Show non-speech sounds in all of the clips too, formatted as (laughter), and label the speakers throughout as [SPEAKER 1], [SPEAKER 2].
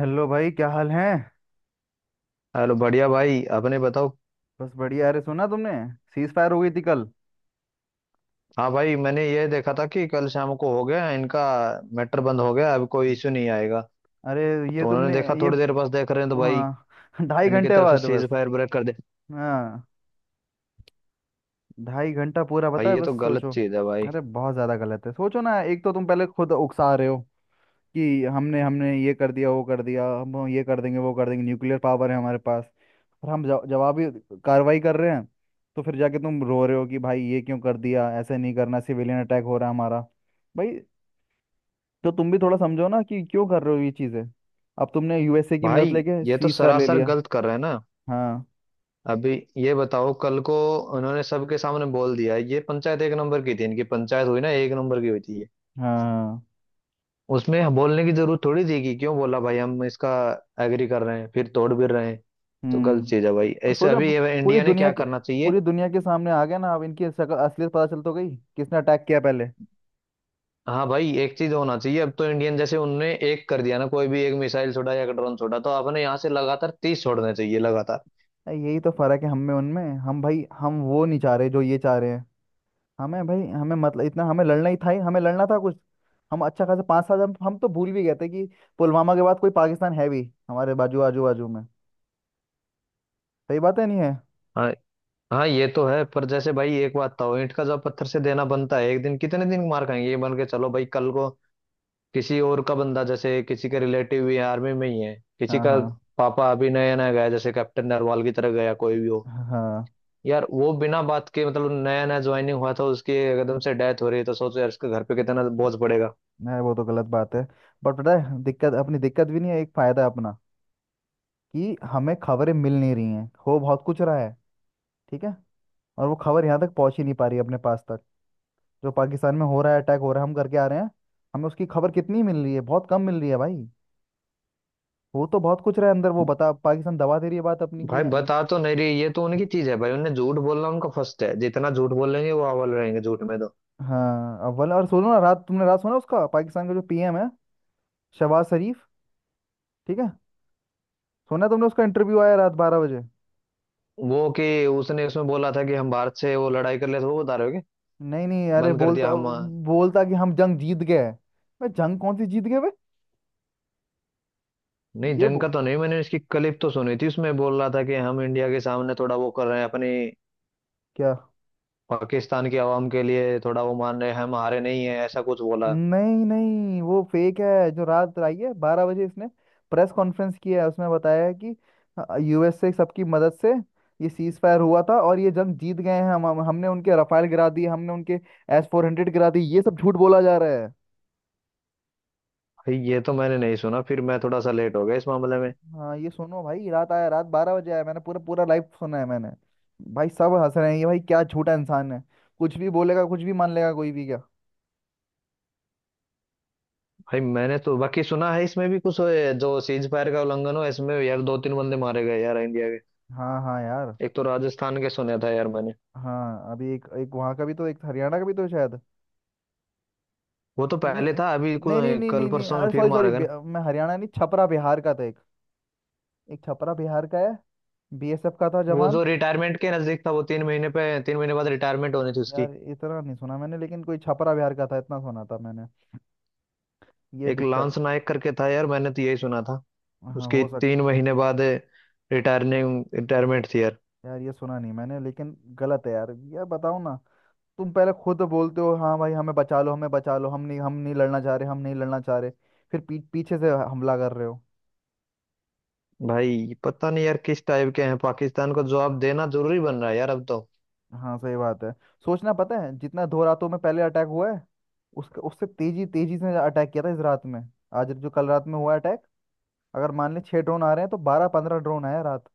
[SPEAKER 1] Hello भाई, क्या हाल है।
[SPEAKER 2] हेलो, बढ़िया भाई। अपने बताओ।
[SPEAKER 1] बस बढ़िया। अरे सुना तुमने, सीज फायर हो गई थी कल।
[SPEAKER 2] हाँ भाई, मैंने ये देखा था कि कल शाम को हो गया इनका मैटर बंद हो गया, अब कोई इश्यू नहीं आएगा।
[SPEAKER 1] अरे ये
[SPEAKER 2] तो उन्होंने
[SPEAKER 1] तुमने।
[SPEAKER 2] देखा
[SPEAKER 1] ये।
[SPEAKER 2] थोड़ी देर, बस देख रहे हैं तो भाई
[SPEAKER 1] हाँ (laughs) ढाई
[SPEAKER 2] इनकी
[SPEAKER 1] घंटे
[SPEAKER 2] तरफ से
[SPEAKER 1] बाद बस।
[SPEAKER 2] सीज फायर ब्रेक कर दे।
[SPEAKER 1] हाँ, 2.5 घंटा पूरा, पता
[SPEAKER 2] भाई
[SPEAKER 1] है
[SPEAKER 2] ये
[SPEAKER 1] बस
[SPEAKER 2] तो गलत
[SPEAKER 1] सोचो।
[SPEAKER 2] चीज है भाई।
[SPEAKER 1] अरे बहुत ज़्यादा गलत है। सोचो ना, एक तो तुम पहले खुद उकसा रहे हो कि हमने हमने ये कर दिया वो कर दिया, हम ये कर देंगे वो कर देंगे, न्यूक्लियर पावर है हमारे पास। और हम जवाबी कार्रवाई कर रहे हैं। तो फिर जाके तुम रो रहे हो कि भाई ये क्यों कर दिया, ऐसे नहीं करना, सिविलियन अटैक हो रहा है हमारा भाई। तो तुम भी थोड़ा समझो ना कि क्यों कर रहे हो ये चीजें। अब तुमने यूएसए की मदद
[SPEAKER 2] भाई
[SPEAKER 1] लेके
[SPEAKER 2] ये तो
[SPEAKER 1] सीज फायर ले
[SPEAKER 2] सरासर
[SPEAKER 1] लिया।
[SPEAKER 2] गलत कर रहे हैं ना।
[SPEAKER 1] हाँ
[SPEAKER 2] अभी ये बताओ, कल को उन्होंने सबके सामने बोल दिया, ये पंचायत एक नंबर की थी, इनकी पंचायत हुई ना एक नंबर की हुई थी।
[SPEAKER 1] हाँ हाँ।
[SPEAKER 2] उसमें हम बोलने की जरूरत थोड़ी थी कि क्यों बोला भाई, हम इसका एग्री कर रहे हैं फिर तोड़ भी रहे हैं। तो गलत
[SPEAKER 1] हम्म।
[SPEAKER 2] चीज है भाई
[SPEAKER 1] और
[SPEAKER 2] ऐसे।
[SPEAKER 1] सोचो
[SPEAKER 2] अभी
[SPEAKER 1] अब,
[SPEAKER 2] ये
[SPEAKER 1] पूरी
[SPEAKER 2] इंडिया ने
[SPEAKER 1] दुनिया
[SPEAKER 2] क्या
[SPEAKER 1] के
[SPEAKER 2] करना चाहिए।
[SPEAKER 1] पूरी दुनिया के सामने आ गया ना, अब इनकी शक्ल, असलियत पता चल तो गई किसने अटैक किया पहले।
[SPEAKER 2] हाँ भाई, एक चीज होना चाहिए अब तो इंडियन, जैसे उनने एक कर दिया ना, कोई भी एक मिसाइल छोड़ा या एक ड्रोन छोड़ा तो आपने यहाँ से लगातार 30 छोड़ने चाहिए लगातार।
[SPEAKER 1] अरे यही तो फर्क है हम में उनमें। हम भाई हम वो नहीं चाह रहे जो ये चाह रहे हैं। हमें भाई हमें, मतलब इतना हमें लड़ना ही था। ही हमें लड़ना था कुछ। हम अच्छा खासा 5 साल, हम तो भूल भी गए थे कि पुलवामा के बाद कोई पाकिस्तान है भी हमारे बाजू, आजू बाजू में। सही बात है, नहीं है।
[SPEAKER 2] हाँ हाँ, ये तो है। पर जैसे भाई एक बात था, ईंट का जब पत्थर से देना बनता है एक दिन, कितने दिन मार खाएंगे। ये मान के चलो भाई, कल को किसी और का बंदा, जैसे किसी के रिलेटिव भी आर्मी में ही है, किसी
[SPEAKER 1] हाँ
[SPEAKER 2] का
[SPEAKER 1] हाँ
[SPEAKER 2] पापा अभी नया नया गया, जैसे कैप्टन नरवाल की तरह गया, कोई भी हो।
[SPEAKER 1] हाँ।
[SPEAKER 2] यार वो बिना बात के, मतलब नया नया ज्वाइनिंग हुआ था उसकी, एकदम से डेथ हो रही है, तो सोचो यार उसके घर पे कितना बोझ पड़ेगा।
[SPEAKER 1] नहीं, वो तो गलत बात है। बट पता है, दिक्कत, अपनी दिक्कत भी नहीं है, एक फायदा है अपना कि हमें खबरें मिल नहीं रही हैं, हो बहुत कुछ रहा है। ठीक है। और वो खबर यहाँ तक पहुंच ही नहीं पा रही है अपने पास तक। जो पाकिस्तान में हो रहा है, अटैक हो रहा है, हम करके आ रहे हैं, हमें उसकी खबर कितनी मिल रही है? बहुत कम मिल रही है भाई। वो तो बहुत कुछ रहा है अंदर, वो बता, पाकिस्तान दबा दे रही है बात अपनी की
[SPEAKER 2] भाई बता तो नहीं रही, ये तो उनकी चीज है भाई, उन्हें झूठ बोलना उनका फर्स्ट है, जितना झूठ बोलेंगे वो अव्वल रहेंगे झूठ में तो।
[SPEAKER 1] हाँ अव्वल। और सुनो ना, रात तुमने रात सुना उसका, पाकिस्तान का जो पीएम है, शहबाज शरीफ। ठीक है। सुना तुमने, उसका इंटरव्यू आया रात 12 बजे।
[SPEAKER 2] वो कि उसने उसमें बोला था कि हम भारत से वो लड़ाई कर ले, तो वो बता रहे हो कि
[SPEAKER 1] नहीं नहीं, अरे
[SPEAKER 2] बंद कर दिया
[SPEAKER 1] बोलता।
[SPEAKER 2] हम।
[SPEAKER 1] बोलता कि हम जंग जीत गए। बे जंग कौन सी जीत गए बे?
[SPEAKER 2] नहीं,
[SPEAKER 1] ये
[SPEAKER 2] जंग
[SPEAKER 1] बो,
[SPEAKER 2] का तो नहीं, मैंने इसकी क्लिप तो सुनी थी, उसमें बोल रहा था कि हम इंडिया के सामने थोड़ा वो कर रहे हैं अपनी
[SPEAKER 1] क्या,
[SPEAKER 2] पाकिस्तान की आवाम के लिए, थोड़ा वो मान रहे हैं हम हारे नहीं है, ऐसा कुछ बोला।
[SPEAKER 1] नहीं नहीं, वो फेक है जो रात आई है 12 बजे। इसने प्रेस कॉन्फ्रेंस किया है, उसमें बताया है कि यूएसए सबकी मदद से ये सीज फायर हुआ था और ये जंग जीत गए हैं हम। हमने उनके रफाल गिरा दिए, हमने उनके S-400 गिरा दिए। ये सब झूठ बोला जा रहा है।
[SPEAKER 2] भाई ये तो मैंने नहीं सुना, फिर मैं थोड़ा सा लेट हो गया इस मामले में।
[SPEAKER 1] हाँ, ये सुनो भाई, रात आया, रात 12 बजे आया, मैंने पूरा पूरा लाइव सुना है मैंने। भाई सब हंस रहे हैं ये। भाई क्या छोटा इंसान है, कुछ भी बोलेगा, कुछ भी मान लेगा कोई भी क्या।
[SPEAKER 2] भाई मैंने तो बाकी सुना है, इसमें भी कुछ जो सीज फायर का उल्लंघन हो इसमें यार, दो तीन बंदे मारे गए यार इंडिया के।
[SPEAKER 1] हाँ हाँ यार।
[SPEAKER 2] एक तो राजस्थान के सुना था यार मैंने।
[SPEAKER 1] हाँ, अभी एक, एक वहाँ का भी तो, एक हरियाणा का भी तो शायद।
[SPEAKER 2] वो तो
[SPEAKER 1] नहीं
[SPEAKER 2] पहले था, अभी
[SPEAKER 1] नहीं नहीं नहीं
[SPEAKER 2] कल
[SPEAKER 1] नहीं, नहीं,
[SPEAKER 2] परसों में
[SPEAKER 1] अरे
[SPEAKER 2] फिर
[SPEAKER 1] सॉरी सॉरी,
[SPEAKER 2] मारा गया ना।
[SPEAKER 1] मैं हरियाणा नहीं, छपरा बिहार का था एक। एक छपरा बिहार का है, बीएसएफ का था
[SPEAKER 2] वो
[SPEAKER 1] जवान।
[SPEAKER 2] जो रिटायरमेंट के नजदीक था, वो तीन महीने पे, 3 महीने बाद रिटायरमेंट होनी थी
[SPEAKER 1] यार
[SPEAKER 2] उसकी।
[SPEAKER 1] इतना नहीं सुना मैंने, लेकिन कोई छपरा बिहार का था इतना सुना था मैंने। ये
[SPEAKER 2] एक
[SPEAKER 1] दिक्कत।
[SPEAKER 2] लांस नायक करके था यार, मैंने तो यही सुना था।
[SPEAKER 1] हाँ,
[SPEAKER 2] उसकी
[SPEAKER 1] हो सक।
[SPEAKER 2] 3 महीने बाद रिटायरिंग रिटायरमेंट थी यार।
[SPEAKER 1] यार ये सुना नहीं मैंने, लेकिन गलत है यार। यार बताओ ना, तुम पहले खुद बोलते हो हाँ भाई हमें बचा लो, हमें बचा लो, हम नहीं, हम नहीं लड़ना चाह रहे, हम नहीं लड़ना चाह रहे। फिर पीछे से हमला कर रहे हो।
[SPEAKER 2] भाई पता नहीं यार किस टाइप के हैं, पाकिस्तान को जवाब देना जरूरी बन रहा है यार अब तो।
[SPEAKER 1] हाँ सही बात है। सोचना, पता है जितना दो रातों में पहले अटैक हुआ है, उसका, उससे तेजी, तेजी से अटैक किया था इस रात में। आज जो कल रात में हुआ अटैक, अगर मान ले 6 ड्रोन आ रहे हैं तो 12 15 ड्रोन आए हैं रात,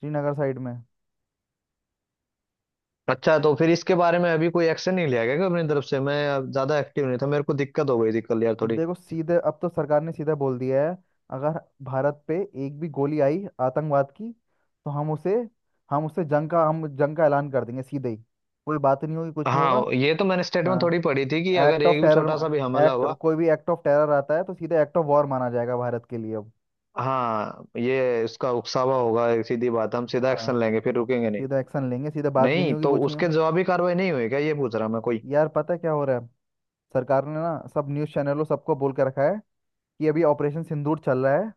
[SPEAKER 1] श्रीनगर साइड में।
[SPEAKER 2] अच्छा तो फिर इसके बारे में अभी कोई एक्शन नहीं लिया गया क्या अपनी तरफ से? मैं अब ज्यादा एक्टिव नहीं था, मेरे को दिक्कत हो गई थी कल यार थोड़ी।
[SPEAKER 1] देखो, सीधे अब तो सरकार ने सीधा बोल दिया है, अगर भारत पे एक भी गोली आई आतंकवाद की, तो हम उसे, हम उसे जंग का, हम जंग का ऐलान कर देंगे सीधे ही। कोई बात नहीं होगी, कुछ नहीं होगा।
[SPEAKER 2] हाँ ये तो मैंने स्टेटमेंट थोड़ी
[SPEAKER 1] हाँ।
[SPEAKER 2] पढ़ी थी कि अगर
[SPEAKER 1] एक्ट ऑफ
[SPEAKER 2] एक भी
[SPEAKER 1] टेरर,
[SPEAKER 2] छोटा सा भी हमला
[SPEAKER 1] एक्ट,
[SPEAKER 2] हुआ।
[SPEAKER 1] कोई भी एक्ट ऑफ टेरर आता है तो सीधे एक्ट ऑफ वॉर माना जाएगा भारत के लिए अब।
[SPEAKER 2] हाँ ये इसका उकसावा होगा, एक सीधी बात, हम सीधा
[SPEAKER 1] हाँ
[SPEAKER 2] एक्शन लेंगे फिर रुकेंगे नहीं।
[SPEAKER 1] सीधा एक्शन लेंगे, सीधे बात भी नहीं
[SPEAKER 2] नहीं
[SPEAKER 1] होगी,
[SPEAKER 2] तो
[SPEAKER 1] कुछ नहीं हो।
[SPEAKER 2] उसके जवाबी कार्रवाई नहीं हुई क्या, ये पूछ रहा मैं कोई।
[SPEAKER 1] यार पता है क्या हो रहा है, सरकार ने ना सब न्यूज़ चैनलों, सबको बोल के रखा है कि अभी ऑपरेशन सिंदूर चल रहा है,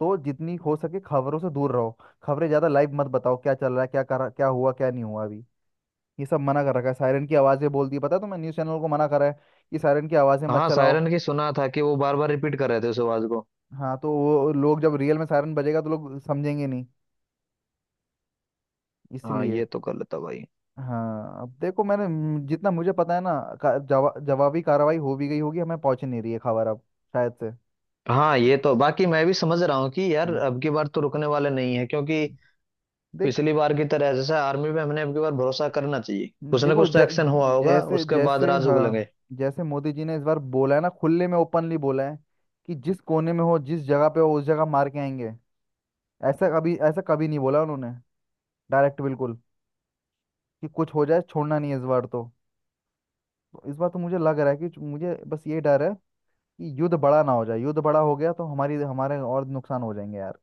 [SPEAKER 1] तो जितनी हो सके खबरों से दूर रहो। खबरें ज्यादा लाइव मत बताओ, क्या चल रहा है, क्या कर, क्या हुआ, क्या नहीं हुआ अभी। ये सब मना कर रखा है। सायरन की आवाजें बोल दी, पता है तुम्हें, न्यूज चैनल को मना करा है कि सायरन की आवाजें मत
[SPEAKER 2] हाँ
[SPEAKER 1] चलाओ।
[SPEAKER 2] सायरन की सुना था कि वो बार बार रिपीट कर रहे थे उस आवाज को।
[SPEAKER 1] हाँ, तो वो लोग जब रियल में सायरन बजेगा तो लोग समझेंगे नहीं,
[SPEAKER 2] हाँ
[SPEAKER 1] इसलिए।
[SPEAKER 2] ये तो गलत है भाई।
[SPEAKER 1] हाँ, अब देखो, मैंने जितना मुझे पता है ना, जवाबी कार्रवाई हो भी गई होगी, हमें पहुंच नहीं रही है खबर अब शायद से।
[SPEAKER 2] हाँ ये तो बाकी मैं भी समझ रहा हूँ कि यार
[SPEAKER 1] हाँ
[SPEAKER 2] अब की बार तो रुकने वाले नहीं है, क्योंकि
[SPEAKER 1] देख।
[SPEAKER 2] पिछली बार की तरह जैसे आर्मी पे हमने अब की बार भरोसा करना चाहिए, कुछ ना
[SPEAKER 1] देखो,
[SPEAKER 2] कुछ तो एक्शन हुआ होगा,
[SPEAKER 1] जैसे
[SPEAKER 2] उसके बाद
[SPEAKER 1] जैसे,
[SPEAKER 2] राज
[SPEAKER 1] हाँ,
[SPEAKER 2] उगलेंगे।
[SPEAKER 1] जैसे मोदी जी ने इस बार बोला है ना, खुले में ओपनली बोला है कि जिस कोने में हो, जिस जगह पे हो, उस जगह मार के आएंगे। ऐसा कभी, ऐसा कभी नहीं बोला उन्होंने। डायरेक्ट बिल्कुल, कि कुछ हो जाए छोड़ना नहीं है इस बार तो। तो इस बार तो मुझे लग रहा है कि मुझे बस ये डर है कि युद्ध बड़ा ना हो जाए, युद्ध बड़ा हो गया तो हमारी, हमारे और नुकसान हो जाएंगे यार।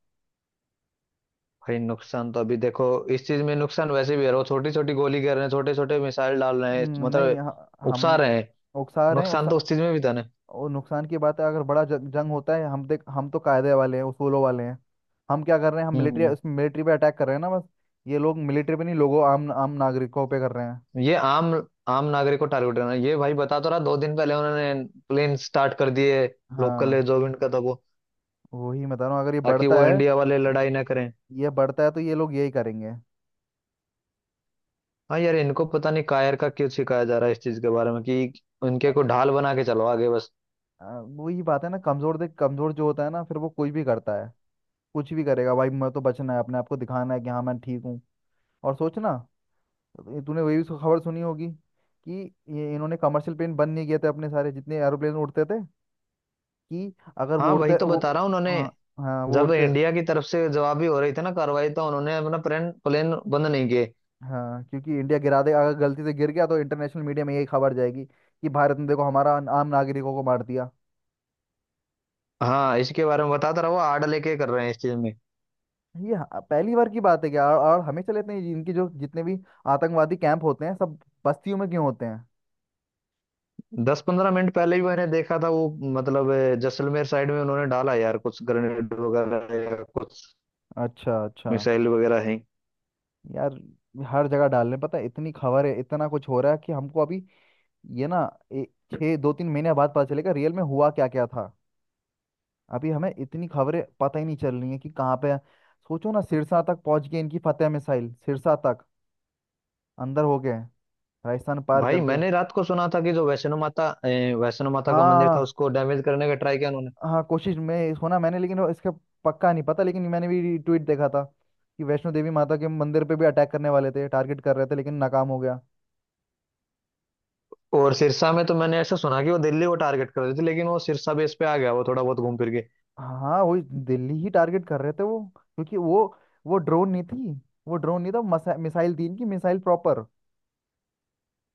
[SPEAKER 2] भाई नुकसान तो अभी देखो, इस चीज में नुकसान वैसे भी है, वो छोटी छोटी गोली कर रहे हैं, छोटे छोटे मिसाइल डाल रहे हैं,
[SPEAKER 1] नहीं
[SPEAKER 2] मतलब उकसा
[SPEAKER 1] हम
[SPEAKER 2] रहे हैं।
[SPEAKER 1] उकसा रहे हैं
[SPEAKER 2] नुकसान
[SPEAKER 1] उकसा।
[SPEAKER 2] तो उस चीज में भी था ना।
[SPEAKER 1] और नुकसान की बात है, अगर बड़ा जंग, जंग होता है, हम देख, हम तो कायदे वाले हैं, उसूलों वाले हैं। हम क्या कर रहे हैं, हम मिलिट्री,
[SPEAKER 2] हम्म।
[SPEAKER 1] उसमें मिलिट्री पे अटैक कर रहे हैं ना बस। ये लोग मिलिट्री पे नहीं, लोगों, आम आम नागरिकों पे कर रहे हैं।
[SPEAKER 2] ये आम आम नागरिक को टारगेट करना, ये भाई बता तो रहा, दो दिन पहले उन्होंने प्लेन स्टार्ट कर दिए, लोकल
[SPEAKER 1] हाँ
[SPEAKER 2] एयरजोविंट का था वो,
[SPEAKER 1] वही बता रहा हूँ, अगर ये
[SPEAKER 2] ताकि
[SPEAKER 1] बढ़ता
[SPEAKER 2] वो
[SPEAKER 1] है,
[SPEAKER 2] इंडिया वाले लड़ाई ना करें।
[SPEAKER 1] ये बढ़ता है तो ये लोग यही करेंगे।
[SPEAKER 2] हाँ यार इनको पता नहीं कायर का क्यों सिखाया जा रहा है इस चीज के बारे में कि उनके को ढाल बना के चलो आगे बस।
[SPEAKER 1] आ, वही बात है ना, कमजोर देख, कमजोर जो होता है ना फिर वो कुछ भी करता है। कुछ भी करेगा भाई, मैं तो बचना है अपने आप को, दिखाना है कि हाँ मैं ठीक हूँ। और सोचना, ये तूने वही खबर सुनी होगी कि ये इन्होंने कमर्शियल प्लेन बंद नहीं किए थे अपने, सारे जितने एरोप्लेन उड़ते थे, कि अगर वो
[SPEAKER 2] हाँ वही
[SPEAKER 1] उड़ते
[SPEAKER 2] तो
[SPEAKER 1] वो।
[SPEAKER 2] बता रहा हूँ
[SPEAKER 1] हाँ।
[SPEAKER 2] उन्होंने,
[SPEAKER 1] हाँ वो
[SPEAKER 2] जब
[SPEAKER 1] उड़ते,
[SPEAKER 2] इंडिया की तरफ से जवाबी हो रही थी ना कार्रवाई, तो उन्होंने अपना प्लेन प्लेन बंद नहीं किए।
[SPEAKER 1] हाँ क्योंकि इंडिया गिरा देगा, अगर गलती से गिर गया तो इंटरनेशनल मीडिया में यही खबर जाएगी कि भारत ने देखो हमारा आम नागरिकों को मार दिया।
[SPEAKER 2] हाँ इसके बारे में बताता रहा, वो आड़ लेके कर रहे हैं इस चीज में।
[SPEAKER 1] ये पहली बार की बात है क्या? और हमेशा लेते हैं, इनकी जो जितने भी आतंकवादी कैंप होते हैं सब बस्तियों में क्यों होते हैं।
[SPEAKER 2] 10 15 मिनट पहले ही मैंने देखा था वो, मतलब जैसलमेर साइड में उन्होंने डाला यार कुछ ग्रेनेड वगैरह या कुछ
[SPEAKER 1] अच्छा अच्छा।
[SPEAKER 2] मिसाइल वगैरह है।
[SPEAKER 1] यार हर जगह डाल रहे हैं, पता है इतनी खबर है, इतना कुछ हो रहा है कि हमको अभी, ये ना, ए, 6 2 3 महीने बाद पता चलेगा रियल में हुआ क्या क्या था। अभी हमें इतनी खबरें पता ही नहीं चल रही हैं कि कहाँ पे। सोचो ना, सिरसा तक पहुंच गए इनकी फतेह मिसाइल, सिरसा तक अंदर हो गए राजस्थान पार
[SPEAKER 2] भाई
[SPEAKER 1] करके।
[SPEAKER 2] मैंने रात को सुना था कि जो वैष्णो माता वैष्णो माता का मंदिर था,
[SPEAKER 1] हाँ
[SPEAKER 2] उसको डैमेज करने का ट्राई किया।
[SPEAKER 1] हाँ, कोशिश में होना मैंने, लेकिन वो इसका पक्का नहीं पता, लेकिन मैंने भी ट्वीट देखा था कि वैष्णो देवी माता के मंदिर पे भी अटैक करने वाले थे, टारगेट कर रहे थे लेकिन नाकाम हो गया।
[SPEAKER 2] और सिरसा में तो मैंने ऐसा सुना कि वो दिल्ली को टारगेट कर रही थी, लेकिन वो सिरसा बेस पे आ गया, वो थोड़ा बहुत घूम फिर के।
[SPEAKER 1] हाँ वही, दिल्ली ही टारगेट कर रहे थे वो, क्योंकि वो ड्रोन नहीं थी, वो ड्रोन नहीं था, मिसाइल थी इनकी, मिसाइल प्रॉपर।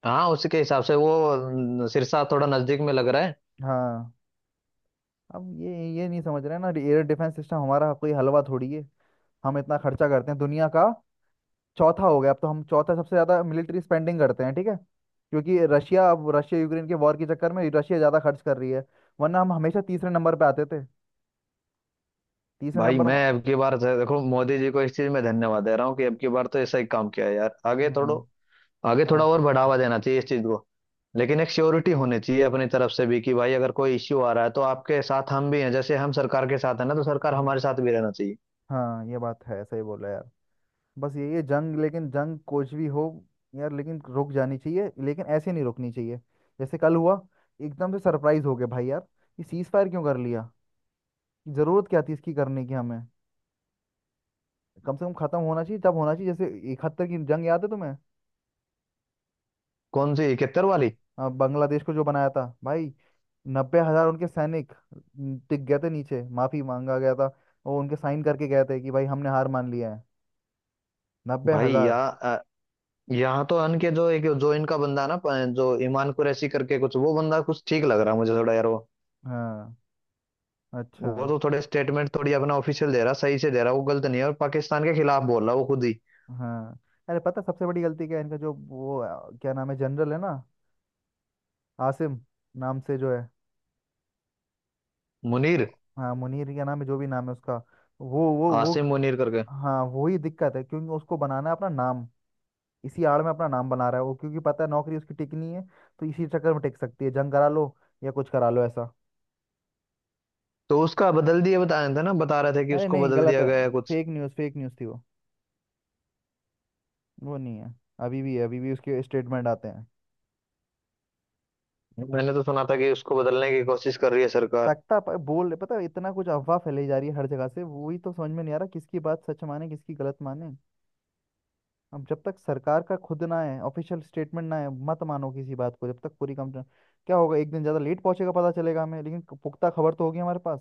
[SPEAKER 2] हाँ उसके हिसाब से वो न, सिरसा थोड़ा नजदीक में लग रहा है।
[SPEAKER 1] हाँ, अब ये नहीं समझ रहे हैं ना, एयर डिफेंस सिस्टम हमारा कोई हलवा थोड़ी है। हम इतना खर्चा करते हैं, दुनिया का चौथा हो गया अब तो, हम चौथा सबसे ज्यादा मिलिट्री स्पेंडिंग करते हैं। ठीक है, क्योंकि रशिया, अब रशिया यूक्रेन के वॉर के चक्कर में रशिया ज्यादा खर्च कर रही है, वरना हम हमेशा तीसरे नंबर पे आते थे। तीसरे
[SPEAKER 2] भाई
[SPEAKER 1] नंबर
[SPEAKER 2] मैं अब की बार देखो, मोदी जी को इस चीज में धन्यवाद दे रहा हूँ कि अब की बार तो ऐसा ही काम किया है यार, आगे थोड़ा,
[SPEAKER 1] हम्म।
[SPEAKER 2] आगे
[SPEAKER 1] हाँ।
[SPEAKER 2] थोड़ा और बढ़ावा देना चाहिए इस चीज को। लेकिन एक श्योरिटी होनी चाहिए अपनी तरफ से भी कि भाई अगर कोई इश्यू आ रहा है तो आपके साथ हम भी हैं, जैसे हम सरकार के साथ है ना तो सरकार
[SPEAKER 1] हाँ
[SPEAKER 2] हमारे साथ भी रहना चाहिए।
[SPEAKER 1] हाँ, ये बात है, सही बोला यार। बस ये जंग, लेकिन जंग कुछ भी हो यार, लेकिन रुक जानी चाहिए, लेकिन ऐसे नहीं रुकनी चाहिए जैसे कल हुआ। एकदम से सरप्राइज हो गए भाई यार, ये सीज फायर क्यों कर लिया, जरूरत क्या थी इसकी करने की हमें। कम से कम खत्म होना चाहिए तब होना चाहिए जैसे 71 की जंग, याद है तुम्हें,
[SPEAKER 2] कौन सी 71 वाली?
[SPEAKER 1] बांग्लादेश को जो बनाया था भाई। 90,000 उनके सैनिक, न, टिक गए थे नीचे, माफी मांगा गया था, वो उनके साइन करके गए थे कि भाई हमने हार मान लिया है। नब्बे
[SPEAKER 2] भाई या,
[SPEAKER 1] हजार
[SPEAKER 2] यहाँ तो अन के जो एक जो इनका बंदा ना जो ईमान कुरैशी करके कुछ, वो बंदा कुछ ठीक लग रहा है मुझे थोड़ा यार वो।
[SPEAKER 1] हाँ अच्छा।
[SPEAKER 2] वो तो थोड़े स्टेटमेंट थोड़ी अपना ऑफिशियल दे रहा, सही से दे रहा, वो गलत नहीं है और पाकिस्तान के खिलाफ बोल रहा वो खुद ही।
[SPEAKER 1] हाँ, अरे पता है सबसे बड़ी गलती क्या है इनका, जो वो, क्या नाम है जनरल है ना, आसिम नाम से जो है।
[SPEAKER 2] मुनीर,
[SPEAKER 1] हाँ मुनीर, क्या नाम है, जो भी नाम है उसका। वो वो।
[SPEAKER 2] आसिम मुनीर करके।
[SPEAKER 1] हाँ वही दिक्कत है, क्योंकि उसको बनाना है अपना नाम, इसी आड़ में अपना नाम बना रहा है वो, क्योंकि पता है नौकरी उसकी टिकनी है, तो इसी चक्कर में टिक सकती है, जंग करा लो या कुछ करा लो ऐसा।
[SPEAKER 2] तो उसका बदल दिया बता रहे थे ना, बता रहे थे कि
[SPEAKER 1] अरे
[SPEAKER 2] उसको
[SPEAKER 1] नहीं,
[SPEAKER 2] बदल
[SPEAKER 1] गलत
[SPEAKER 2] दिया
[SPEAKER 1] है,
[SPEAKER 2] गया है कुछ।
[SPEAKER 1] फेक न्यूज़, फेक न्यूज़ थी वो नहीं है, अभी भी है, अभी भी उसके स्टेटमेंट आते हैं।
[SPEAKER 2] मैंने तो सुना था कि उसको बदलने की कोशिश कर रही है सरकार।
[SPEAKER 1] तख्ता पर बोल, पता है इतना कुछ अफवाह फैलाई जा रही है हर जगह से, वही तो समझ में नहीं आ रहा किसकी बात सच माने, किसकी गलत माने। अब जब तक सरकार का खुद ना है, ऑफिशियल स्टेटमेंट ना है, मत मानो किसी बात को जब तक पूरी कंप्लेन। क्या होगा, एक दिन ज़्यादा लेट पहुंचेगा, पता चलेगा हमें, लेकिन पुख्ता खबर तो होगी हमारे पास।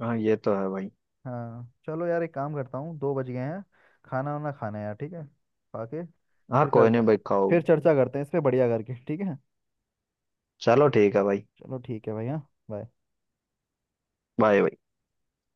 [SPEAKER 2] हाँ ये तो है भाई।
[SPEAKER 1] हाँ चलो यार, एक काम करता हूँ, 2 बज गए हैं, खाना वाना खाना है यार, ठीक है, खा के
[SPEAKER 2] हाँ
[SPEAKER 1] फिर
[SPEAKER 2] कोई
[SPEAKER 1] करते
[SPEAKER 2] नहीं
[SPEAKER 1] हैं।
[SPEAKER 2] भाई, खाओ।
[SPEAKER 1] फिर चर्चा करते हैं इस पे बढ़िया करके, ठीक है।
[SPEAKER 2] चलो ठीक है भाई।
[SPEAKER 1] चलो ठीक है भाई। हाँ, bye।
[SPEAKER 2] बाय भाई।